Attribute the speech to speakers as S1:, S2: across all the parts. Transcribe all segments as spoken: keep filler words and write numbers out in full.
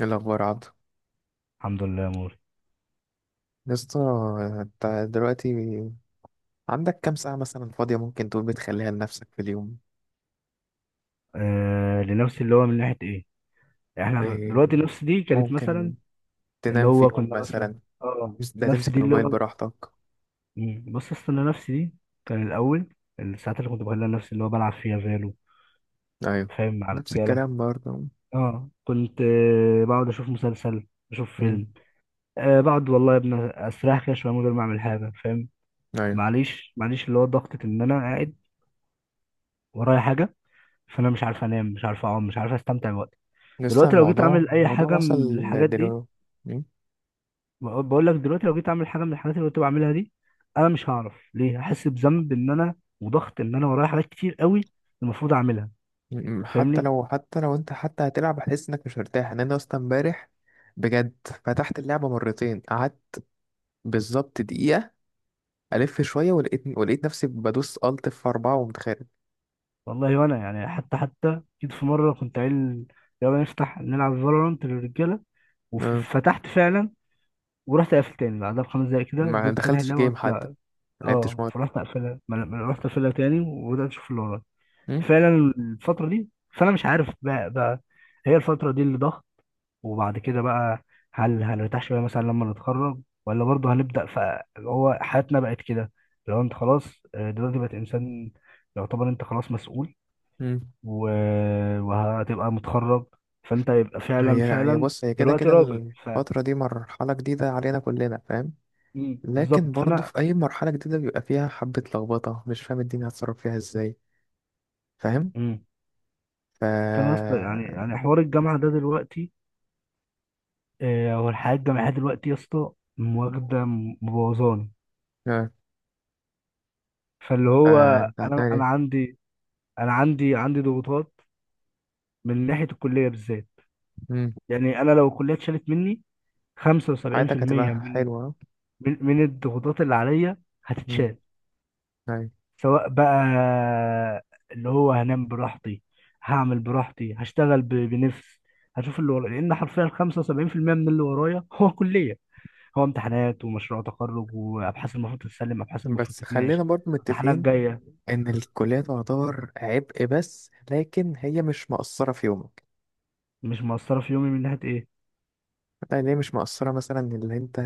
S1: ايه الاخبار يا عبدو،
S2: الحمد لله يا موري.
S1: يا اسطى؟ انت دلوقتي عندك كام ساعه مثلا فاضيه ممكن تقول بتخليها لنفسك في اليوم؟
S2: آه لنفسي، اللي هو من ناحية ايه؟ يعني احنا
S1: إيه،
S2: دلوقتي نفس دي كانت مثلا،
S1: ممكن
S2: اللي
S1: تنام
S2: هو
S1: فيهم
S2: كنا مثلا،
S1: مثلا؟
S2: اه
S1: بس ده
S2: نفس
S1: تمسك
S2: دي اللي
S1: الموبايل
S2: هو
S1: براحتك.
S2: مم، بص استنى، نفسي دي كان الاول الساعات اللي كنت بخليها لنفسي اللي هو بلعب فيها فالو،
S1: ايوه،
S2: فاهم، مع
S1: نفس
S2: الرجالة.
S1: الكلام برضه.
S2: اه كنت آه بقعد اشوف مسلسل، اشوف
S1: امم.
S2: فيلم، آه بقعد والله يا ابني استريح كده شوية من غير ما اعمل حاجة، فاهم.
S1: ايوه.
S2: معليش معليش، اللي هو ضغطة ان انا قاعد ورايا حاجة، فانا مش عارف انام، مش عارف اقوم، مش عارف استمتع بوقتي.
S1: لسه
S2: دلوقتي لو جيت
S1: الموضوع
S2: اعمل اي
S1: الموضوع
S2: حاجه
S1: وصل
S2: من الحاجات دي،
S1: دلوقتي؟ مم.
S2: بقول بقول لك دلوقتي لو جيت اعمل حاجه من الحاجات اللي كنت بعملها دي، انا مش هعرف ليه. هحس بذنب ان انا، وضغط ان انا ورايا حاجات كتير قوي المفروض اعملها،
S1: مم. حتى
S2: فاهمني.
S1: لو حتى لو انت حتى هتلعب هتحس انك مش مرتاح، ان انا اصلا امبارح بجد فتحت اللعبه مرتين، قعدت بالظبط دقيقه. ألف شوية ولقيت ولقيت نفسي بدوس ألت في أربعة وقمت خارج.
S2: والله وانا يعني حتى حتى جيت في مره كنت قايل يلا نفتح نلعب فالورانت للرجاله،
S1: آه.
S2: وفتحت فعلا، ورحت قافل تاني بعدها بخمس دقايق كده.
S1: ما
S2: فضلت فاتح
S1: دخلتش
S2: اللعبه،
S1: جيم
S2: قلت
S1: حتى،
S2: لا.
S1: ما لعبتش
S2: اه
S1: ماتش.
S2: فرحت اقفلها، ما أنا- ما أنا رحت اقفلها تاني وبدات اشوف اللي ورايا
S1: مم.
S2: فعلا الفتره دي، فانا مش عارف بقى, بقى. هي الفتره دي اللي ضغط. وبعد كده بقى، هل هنرتاح شويه مثلا لما نتخرج، ولا برضه هنبدا ف هو حياتنا بقت كده؟ لو انت خلاص، آه، دلوقتي بقت انسان، يعتبر انت خلاص مسؤول
S1: مم.
S2: و... وهتبقى متخرج، فانت يبقى فعلا
S1: هي هي
S2: فعلا
S1: بص، هي كده
S2: دلوقتي
S1: كده
S2: راجل. ف
S1: الفترة دي مرحلة جديدة علينا كلنا، فاهم؟
S2: مم.
S1: لكن
S2: بالظبط.
S1: برضه
S2: فانا
S1: في أي مرحلة جديدة بيبقى فيها حبة لخبطة، مش فاهم الدنيا هتصرف فيها ازاي، فاهم.
S2: مم.
S1: ف
S2: فانا يا اسطى، يعني يعني حوار الجامعه ده دلوقتي، آه، هو الحياه الجامعيه دلوقتي يا اسطى واخده مبوظاني.
S1: آه.
S2: فاللي هو
S1: فأنت
S2: انا
S1: هتعمل
S2: انا
S1: إيه؟
S2: عندي انا عندي عندي ضغوطات من ناحيه الكليه بالذات.
S1: مم.
S2: يعني انا لو الكليه اتشالت مني،
S1: حياتك
S2: خمسة وسبعين في المية
S1: هتبقى
S2: من
S1: حلوة.
S2: من من الضغوطات اللي عليا
S1: مم.
S2: هتتشال.
S1: أيوة.
S2: سواء بقى اللي هو هنام براحتي، هعمل براحتي، هشتغل ب- بنفس، هشوف اللي ورايا. لان حرفيا خمسة وسبعين في المية من اللي ورايا هو كليه، هو امتحانات ومشروع تخرج وابحاث المفروض تتسلم، ابحاث المفروض
S1: بس خلينا
S2: تتناقش،
S1: برضه
S2: امتحانات
S1: متفقين
S2: جايه.
S1: ان الكلية تعتبر عبء، بس لكن هي مش مقصرة في يومك.
S2: مش مؤثره في يومي من ناحيه ايه.
S1: يعني هي مش مقصرة مثلا اللي انت،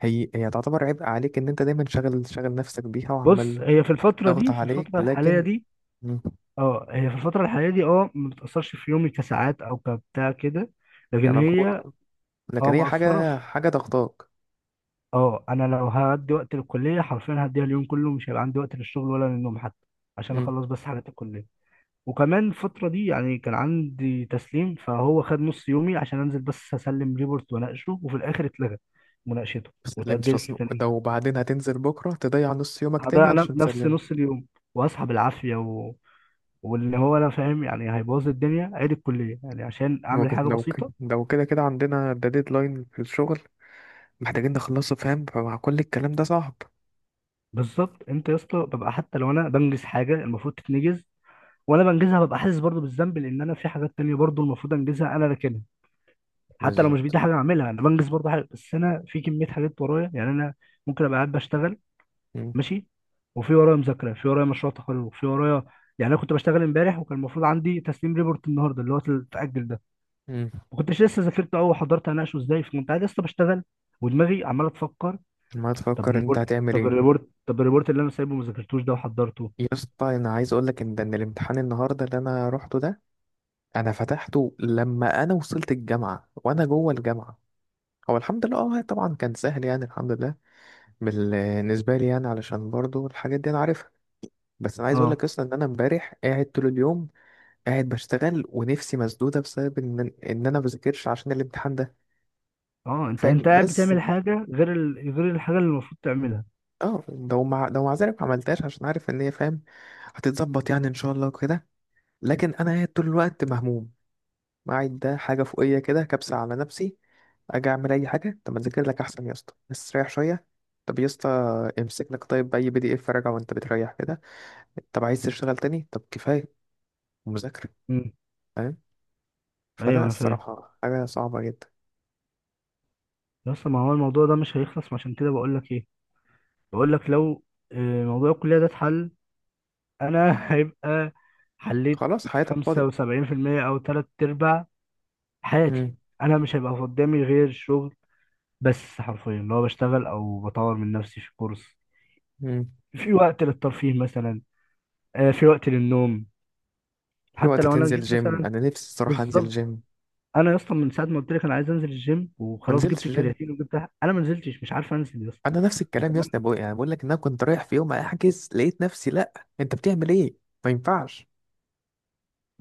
S1: هي هي تعتبر عبء عليك ان انت دايما شاغل شاغل نفسك بيها
S2: بص
S1: وعمال
S2: هي في الفتره
S1: ضغط
S2: دي، في
S1: عليك.
S2: الفتره الحاليه
S1: لكن
S2: دي،
S1: مم.
S2: اه هي في الفترة الحالية دي اه ما بتأثرش في يومي كساعات أو كبتاع كده. لكن هي
S1: كمجهود.
S2: اه
S1: لكن هي
S2: مأثرة
S1: حاجة
S2: في،
S1: حاجة ضغطاك.
S2: اه أنا لو هدي وقت للكلية حرفيا هديها اليوم كله، مش هيبقى عندي وقت للشغل ولا للنوم حتى، عشان
S1: مم.
S2: أخلص بس حاجات الكلية. وكمان الفترة دي يعني كان عندي تسليم، فهو خد نص يومي عشان أنزل بس أسلم ريبورت وأناقشه، وفي الآخر اتلغى مناقشته
S1: مسلمتش
S2: واتأجلت
S1: اصلا
S2: لتاني
S1: ده،
S2: يوم.
S1: وبعدين هتنزل بكرة تضيع نص يومك تاني
S2: هضيع ن-
S1: علشان
S2: نفس
S1: تسلمه.
S2: نص اليوم وأصحى بالعافية و... واللي هو أنا فاهم يعني هيبوظ الدنيا. عيد الكلية يعني عشان أعمل
S1: ممكن،
S2: حاجة
S1: لو ك-
S2: بسيطة.
S1: لو كده كده عندنا ده ديدلاين في الشغل، محتاجين نخلصه، فاهم. فمع كل الكلام ده صعب.
S2: بالظبط انت يا اسطى، ببقى حتى لو انا بنجز حاجه المفروض تتنجز وانا بنجزها، ببقى حاسس برضو بالذنب لان انا في حاجات تانية برضو المفروض انجزها انا راكنها. حتى لو مش
S1: بالظبط.
S2: بايدي حاجه اعملها، انا بنجز برضو حاجه، بس انا في كميه حاجات ورايا يعني انا ممكن ابقى قاعد بشتغل
S1: مم.
S2: ماشي، وفي ورايا مذاكره، في ورايا مشروع تخرج، في ورايا، يعني انا كنت بشتغل امبارح وكان المفروض عندي تسليم ريبورت النهارده اللي هو اتاجل ده.
S1: مم.
S2: ما كنتش لسه ذاكرته او حضرت هناقشه ازاي، فكنت قاعد لسه بشتغل ودماغي عماله تفكر.
S1: ما
S2: طب
S1: تفكر انت
S2: الريبورت
S1: هتعمل
S2: طب
S1: ايه.
S2: الريبورت طب الريبورت اللي انا سايبه ما ذاكرتوش ده وحضرته.
S1: يا اسطى انا عايز اقول لك ان ده- ان الامتحان النهارده اللي انا روحته ده، انا فتحته لما انا وصلت الجامعه وانا جوه الجامعه. هو الحمد لله اه طبعا كان سهل، يعني الحمد لله بالنسبه لي، يعني علشان برضو الحاجات دي انا عارفها. بس انا عايز اقول
S2: اه
S1: لك اصلا ان انا امبارح قاعد طول اليوم، قاعد بشتغل ونفسي مسدوده بسبب ان ان انا بذاكرش عشان الامتحان ده،
S2: اه انت
S1: فاهم.
S2: انت قاعد
S1: بس
S2: بتعمل حاجه غير ال... غير الحاجه اللي المفروض تعملها.
S1: اه، لو مع لو مع ذلك ما عملتهاش عشان عارف ان هي، فاهم، هتتظبط يعني ان شاء الله كده. لكن انا قاعد طول الوقت مهموم، قاعد ده حاجه فوقيه كده كبسه على نفسي. اجي اعمل اي حاجه، طب ما اذاكر لك احسن يا اسطى، بس ريح شويه. طب يا اسطى امسك لك طيب اي بي دي اف راجع وانت بتريح كده. طب عايز تشتغل تاني، طب كفايه مذاكره،
S2: مم.
S1: فاهم.
S2: ايوه
S1: فلا
S2: انا فاهم.
S1: الصراحه حاجه صعبه جدا.
S2: بس ما هو الموضوع ده مش هيخلص، ما عشان كده بقول لك ايه، بقول لك لو آه، موضوع الكليه ده اتحل، انا هيبقى، حليت
S1: خلاص، حياتك فاضيه.
S2: خمسة وسبعين في المية او تلات ارباع حياتي.
S1: امم.
S2: انا مش هيبقى قدامي غير شغل، بس حرفيا اللي هو بشتغل او بطور من نفسي في كورس،
S1: امم.
S2: في وقت للترفيه مثلا، آه، في وقت للنوم.
S1: في
S2: حتى
S1: وقت
S2: لو انا
S1: تنزل
S2: جيت
S1: جيم،
S2: مثلا،
S1: انا نفسي الصراحه انزل
S2: بالظبط.
S1: جيم.
S2: انا يا اسطى من ساعه ما قلت لك انا عايز انزل الجيم
S1: ما
S2: وخلاص، جبت
S1: نزلتش جيم.
S2: الكرياتين وجبت، انا ما نزلتش. مش عارف انزل يا اسطى.
S1: انا نفس الكلام يا
S2: وكمان
S1: اسطى، بقول، يعني بقول لك ان انا كنت رايح في يوم احجز، لقيت نفسي، لا انت بتعمل ايه، ما ينفعش.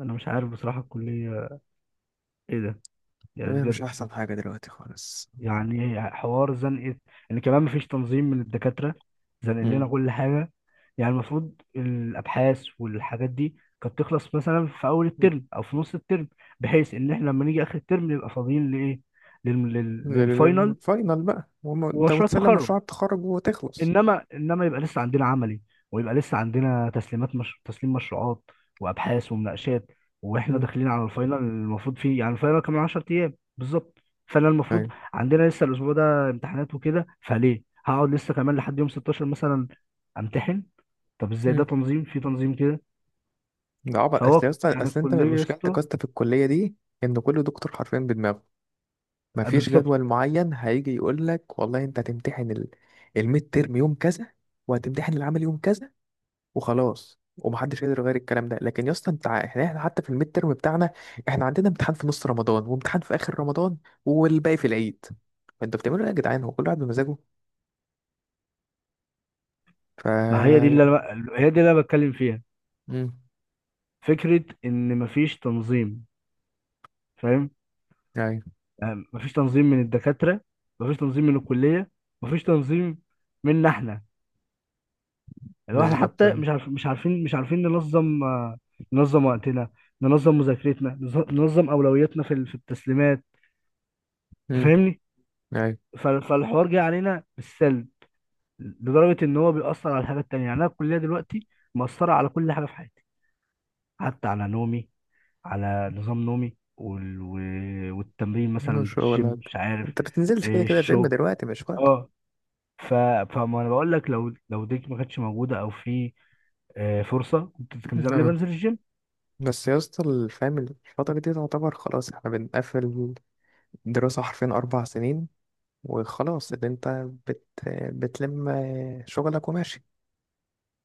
S2: انا مش عارف بصراحه الكليه ايه ده، يعني
S1: إيه، مش
S2: بجد.
S1: احسن حاجة دلوقتي خالص.
S2: يعني حوار زنقه، ان كمان مفيش تنظيم من الدكاتره، زنق
S1: مم.
S2: لنا كل حاجه. يعني المفروض الابحاث والحاجات دي كانت تخلص مثلا في اول الترم او في نص الترم، بحيث ان احنا لما نيجي اخر الترم نبقى فاضيين لايه، لل... لل... للفاينل
S1: الفاينل بقى، وم- انت
S2: ومشروع
S1: وتسلم
S2: التخرج.
S1: مشروع التخرج وتخلص.
S2: انما انما يبقى لسه عندنا عملي، ويبقى لسه عندنا تسليمات، مش... تسليم مشروعات وابحاث ومناقشات، واحنا
S1: مم.
S2: داخلين على الفاينل المفروض فيه، يعني الفاينل كمان عشرة ايام بالظبط. فانا المفروض،
S1: ايوه.
S2: عندنا لسه الاسبوع ده امتحانات وكده، فليه هقعد لسه كمان لحد يوم ستاشر مثلا امتحن؟ طب ازاي ده
S1: مم.
S2: تنظيم؟ في تنظيم كده؟
S1: ده عبط، اصل يا
S2: فهو
S1: اسطى،
S2: يعني
S1: اصل انت
S2: الكليه يا
S1: مشكلتك يا
S2: اسطى،
S1: اسطى في الكليه دي ان كل دكتور حرفيا بدماغه.
S2: آه،
S1: مفيش
S2: بالظبط.
S1: جدول معين هيجي يقول لك والله انت هتمتحن ال- الميد تيرم يوم كذا، وهتمتحن العمل يوم كذا، وخلاص ومحدش قادر يغير الكلام ده. لكن يا اسطى انت ع- احنا احنا حتى في الميد ترم بتاعنا احنا عندنا امتحان في نص رمضان، وامتحان في اخر رمضان، والباقي في العيد. فانتوا بتعملوا ايه يا جدعان، هو كل واحد بمزاجه. ف
S2: ما هي دي اللي أنا... هي دي اللي انا بتكلم فيها،
S1: امم.
S2: فكره ان مفيش تنظيم، فاهم.
S1: ايوه.
S2: يعني مفيش تنظيم من الدكاترة، مفيش تنظيم من الكلية، مفيش تنظيم منا احنا، اللي هو احنا
S1: بالظبط.
S2: حتى مش عارف مش عارفين مش عارفين ننظم، آه، ننظم وقتنا، ننظم مذاكرتنا، نز- ننظم أولوياتنا في ال- في التسليمات،
S1: امم.
S2: تفهمني.
S1: ايوه.
S2: فالحوار جه علينا بالسلب، لدرجة إن هو بيأثر على الحاجات التانية، يعني أنا الكلية دلوقتي مأثرة على كل حاجة في حياتي، حتى على نومي، على نظام نومي وال... و- والتمرين مثلا،
S1: مش هو
S2: الجيم
S1: ولا حاجة.
S2: مش عارف،
S1: انت بتنزلش كده
S2: إيه،
S1: كده جيم
S2: الشغل.
S1: دلوقتي، مش وقت.
S2: اه ف... فما انا بقول لك، لو لو ديك ما كانتش موجوده او في آه، فرصه، كنت كان زماني
S1: آه.
S2: بنزل الجيم.
S1: بس يا اسطى، الفهم الفترة دي تعتبر خلاص احنا بنقفل دراسة حرفيا أربع سنين، وخلاص اللي انت بت... بتلم شغلك وماشي.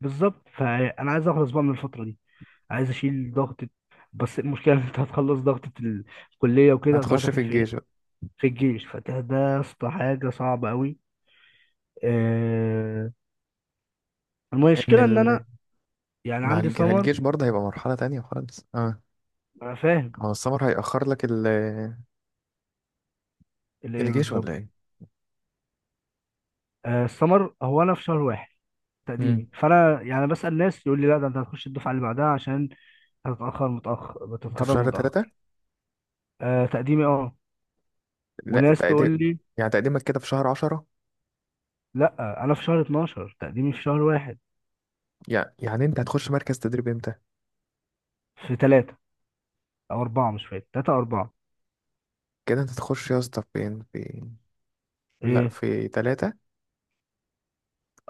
S2: بالظبط. فانا عايز اخلص بقى من الفتره دي، عايز اشيل ضغطه. بس المشكله ان انت هتخلص ضغطه الكليه وكده تروح
S1: هتخش
S2: داخل
S1: في
S2: في ايه؟
S1: الجيش بقى.
S2: في الجيش. فده ده يا اسطى حاجه صعبه قوي. آه،
S1: ان
S2: المشكله ان
S1: ال...
S2: انا يعني
S1: مع
S2: عندي
S1: الج...
S2: سمر.
S1: الجيش برضه هيبقى مرحلة تانية خالص اه.
S2: انا فاهم.
S1: هو السمر هيأخر لك ال...
S2: اللي ايه
S1: الجيش ولا
S2: بالظبط؟
S1: ايه.
S2: آه، السمر، هو انا في شهر واحد
S1: امم.
S2: تقديمي، فانا يعني بسال ناس يقول لي لا ده انت هتخش الدفعه اللي بعدها عشان هتتاخر، متاخر،
S1: انت في
S2: بتتخرج
S1: شهر
S2: متاخر.
S1: تلاتة.
S2: آه تقديمي اه.
S1: لا،
S2: وناس
S1: تقديم،
S2: تقول لي
S1: يعني تقديمك كده في شهر عشرة.
S2: لا. انا في شهر اتناشر تقديمي، في شهر واحد.
S1: يعني يعني انت هتخش مركز تدريب امتى؟
S2: في ثلاثة او اربعة، مش فاكر، ثلاثة او اربعة.
S1: كده انت هتخش يا اسطى فين، في، لا
S2: ايه
S1: في تلاتة.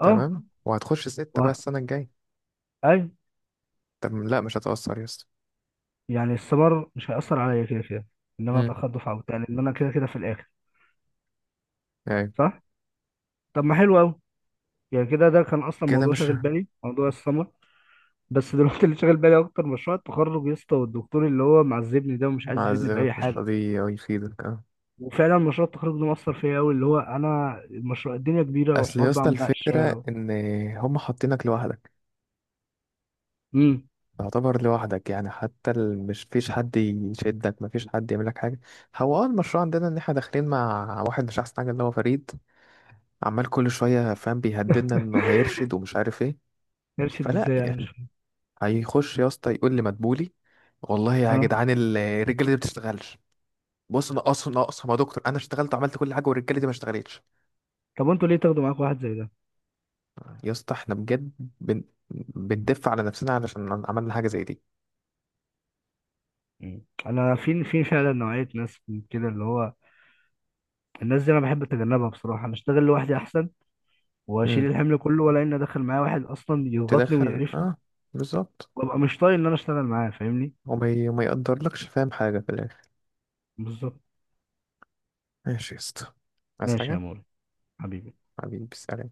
S2: اه
S1: تمام، وهتخش
S2: و...
S1: ستة بقى السنة الجاية.
S2: اي
S1: طب لا، مش هتأثر يا اسطى.
S2: يعني السمر مش هيأثر عليا كده كده، ان انا
S1: امم.
S2: اتأخر دفعة وبتاع، لان انا كده كده في الاخر،
S1: يعني
S2: صح. طب ما حلو قوي. يعني كده ده كان اصلا
S1: كده
S2: موضوع
S1: مش.
S2: شاغل بالي، موضوع السمر. بس دلوقتي اللي شاغل بالي اكتر مشروع التخرج يا اسطى، والدكتور اللي هو معذبني ده ومش عايز يفيدني
S1: معذبك،
S2: باي
S1: مش
S2: حاجه.
S1: راضي يفيدك اه.
S2: وفعلا مشروع التخرج ده مأثر فيا قوي، اللي هو انا المشروع الدنيا كبيره،
S1: اصل
S2: وحوار
S1: يا اسطى
S2: بقى
S1: الفكرة
S2: مناقشه.
S1: ان هم حاطينك لوحدك،
S2: امم.
S1: تعتبر لوحدك يعني، حتى ال- مش فيش حد يشدك، مفيش حد يعمل لك حاجة. هو اه المشروع عندنا ان احنا داخلين مع واحد مش احسن حاجة اللي هو فريد، عمال كل شوية فاهم بيهددنا انه هيرشد ومش عارف ايه.
S2: يرشد
S1: فلا
S2: ازاي يعني؟ مش
S1: يعني
S2: فاهم.
S1: هيخش يا اسطى يقول لي مدبولي والله يا
S2: اه.
S1: جدعان ال- الرجالة دي ما بتشتغلش. بص، نقص نقص يا دكتور، انا اشتغلت وعملت كل حاجة والرجالة دي ما اشتغلتش.
S2: طب انتوا ليه تاخدوا معاكم واحد زي ده؟
S1: يا اسطى احنا بجد بن... بندف على نفسنا علشان عملنا حاجة زي دي.
S2: مم. انا في في فعلا نوعيه ناس من كده، اللي هو الناس دي انا بحب اتجنبها بصراحه. انا اشتغل لوحدي احسن واشيل
S1: امم.
S2: الحمل كله، ولا اني ادخل معايا واحد اصلا يضغطني
S1: تدخل
S2: ويقرفني
S1: اه. بالظبط.
S2: وابقى مش طايق ان انا اشتغل معاه، فاهمني.
S1: وما ي- وما يقدرلكش فاهم حاجة في الآخر.
S2: بالظبط.
S1: ماشي يا اسطى، عايز
S2: ماشي يا
S1: حاجة؟
S2: موري، حبيبي.
S1: حبيبي سلام.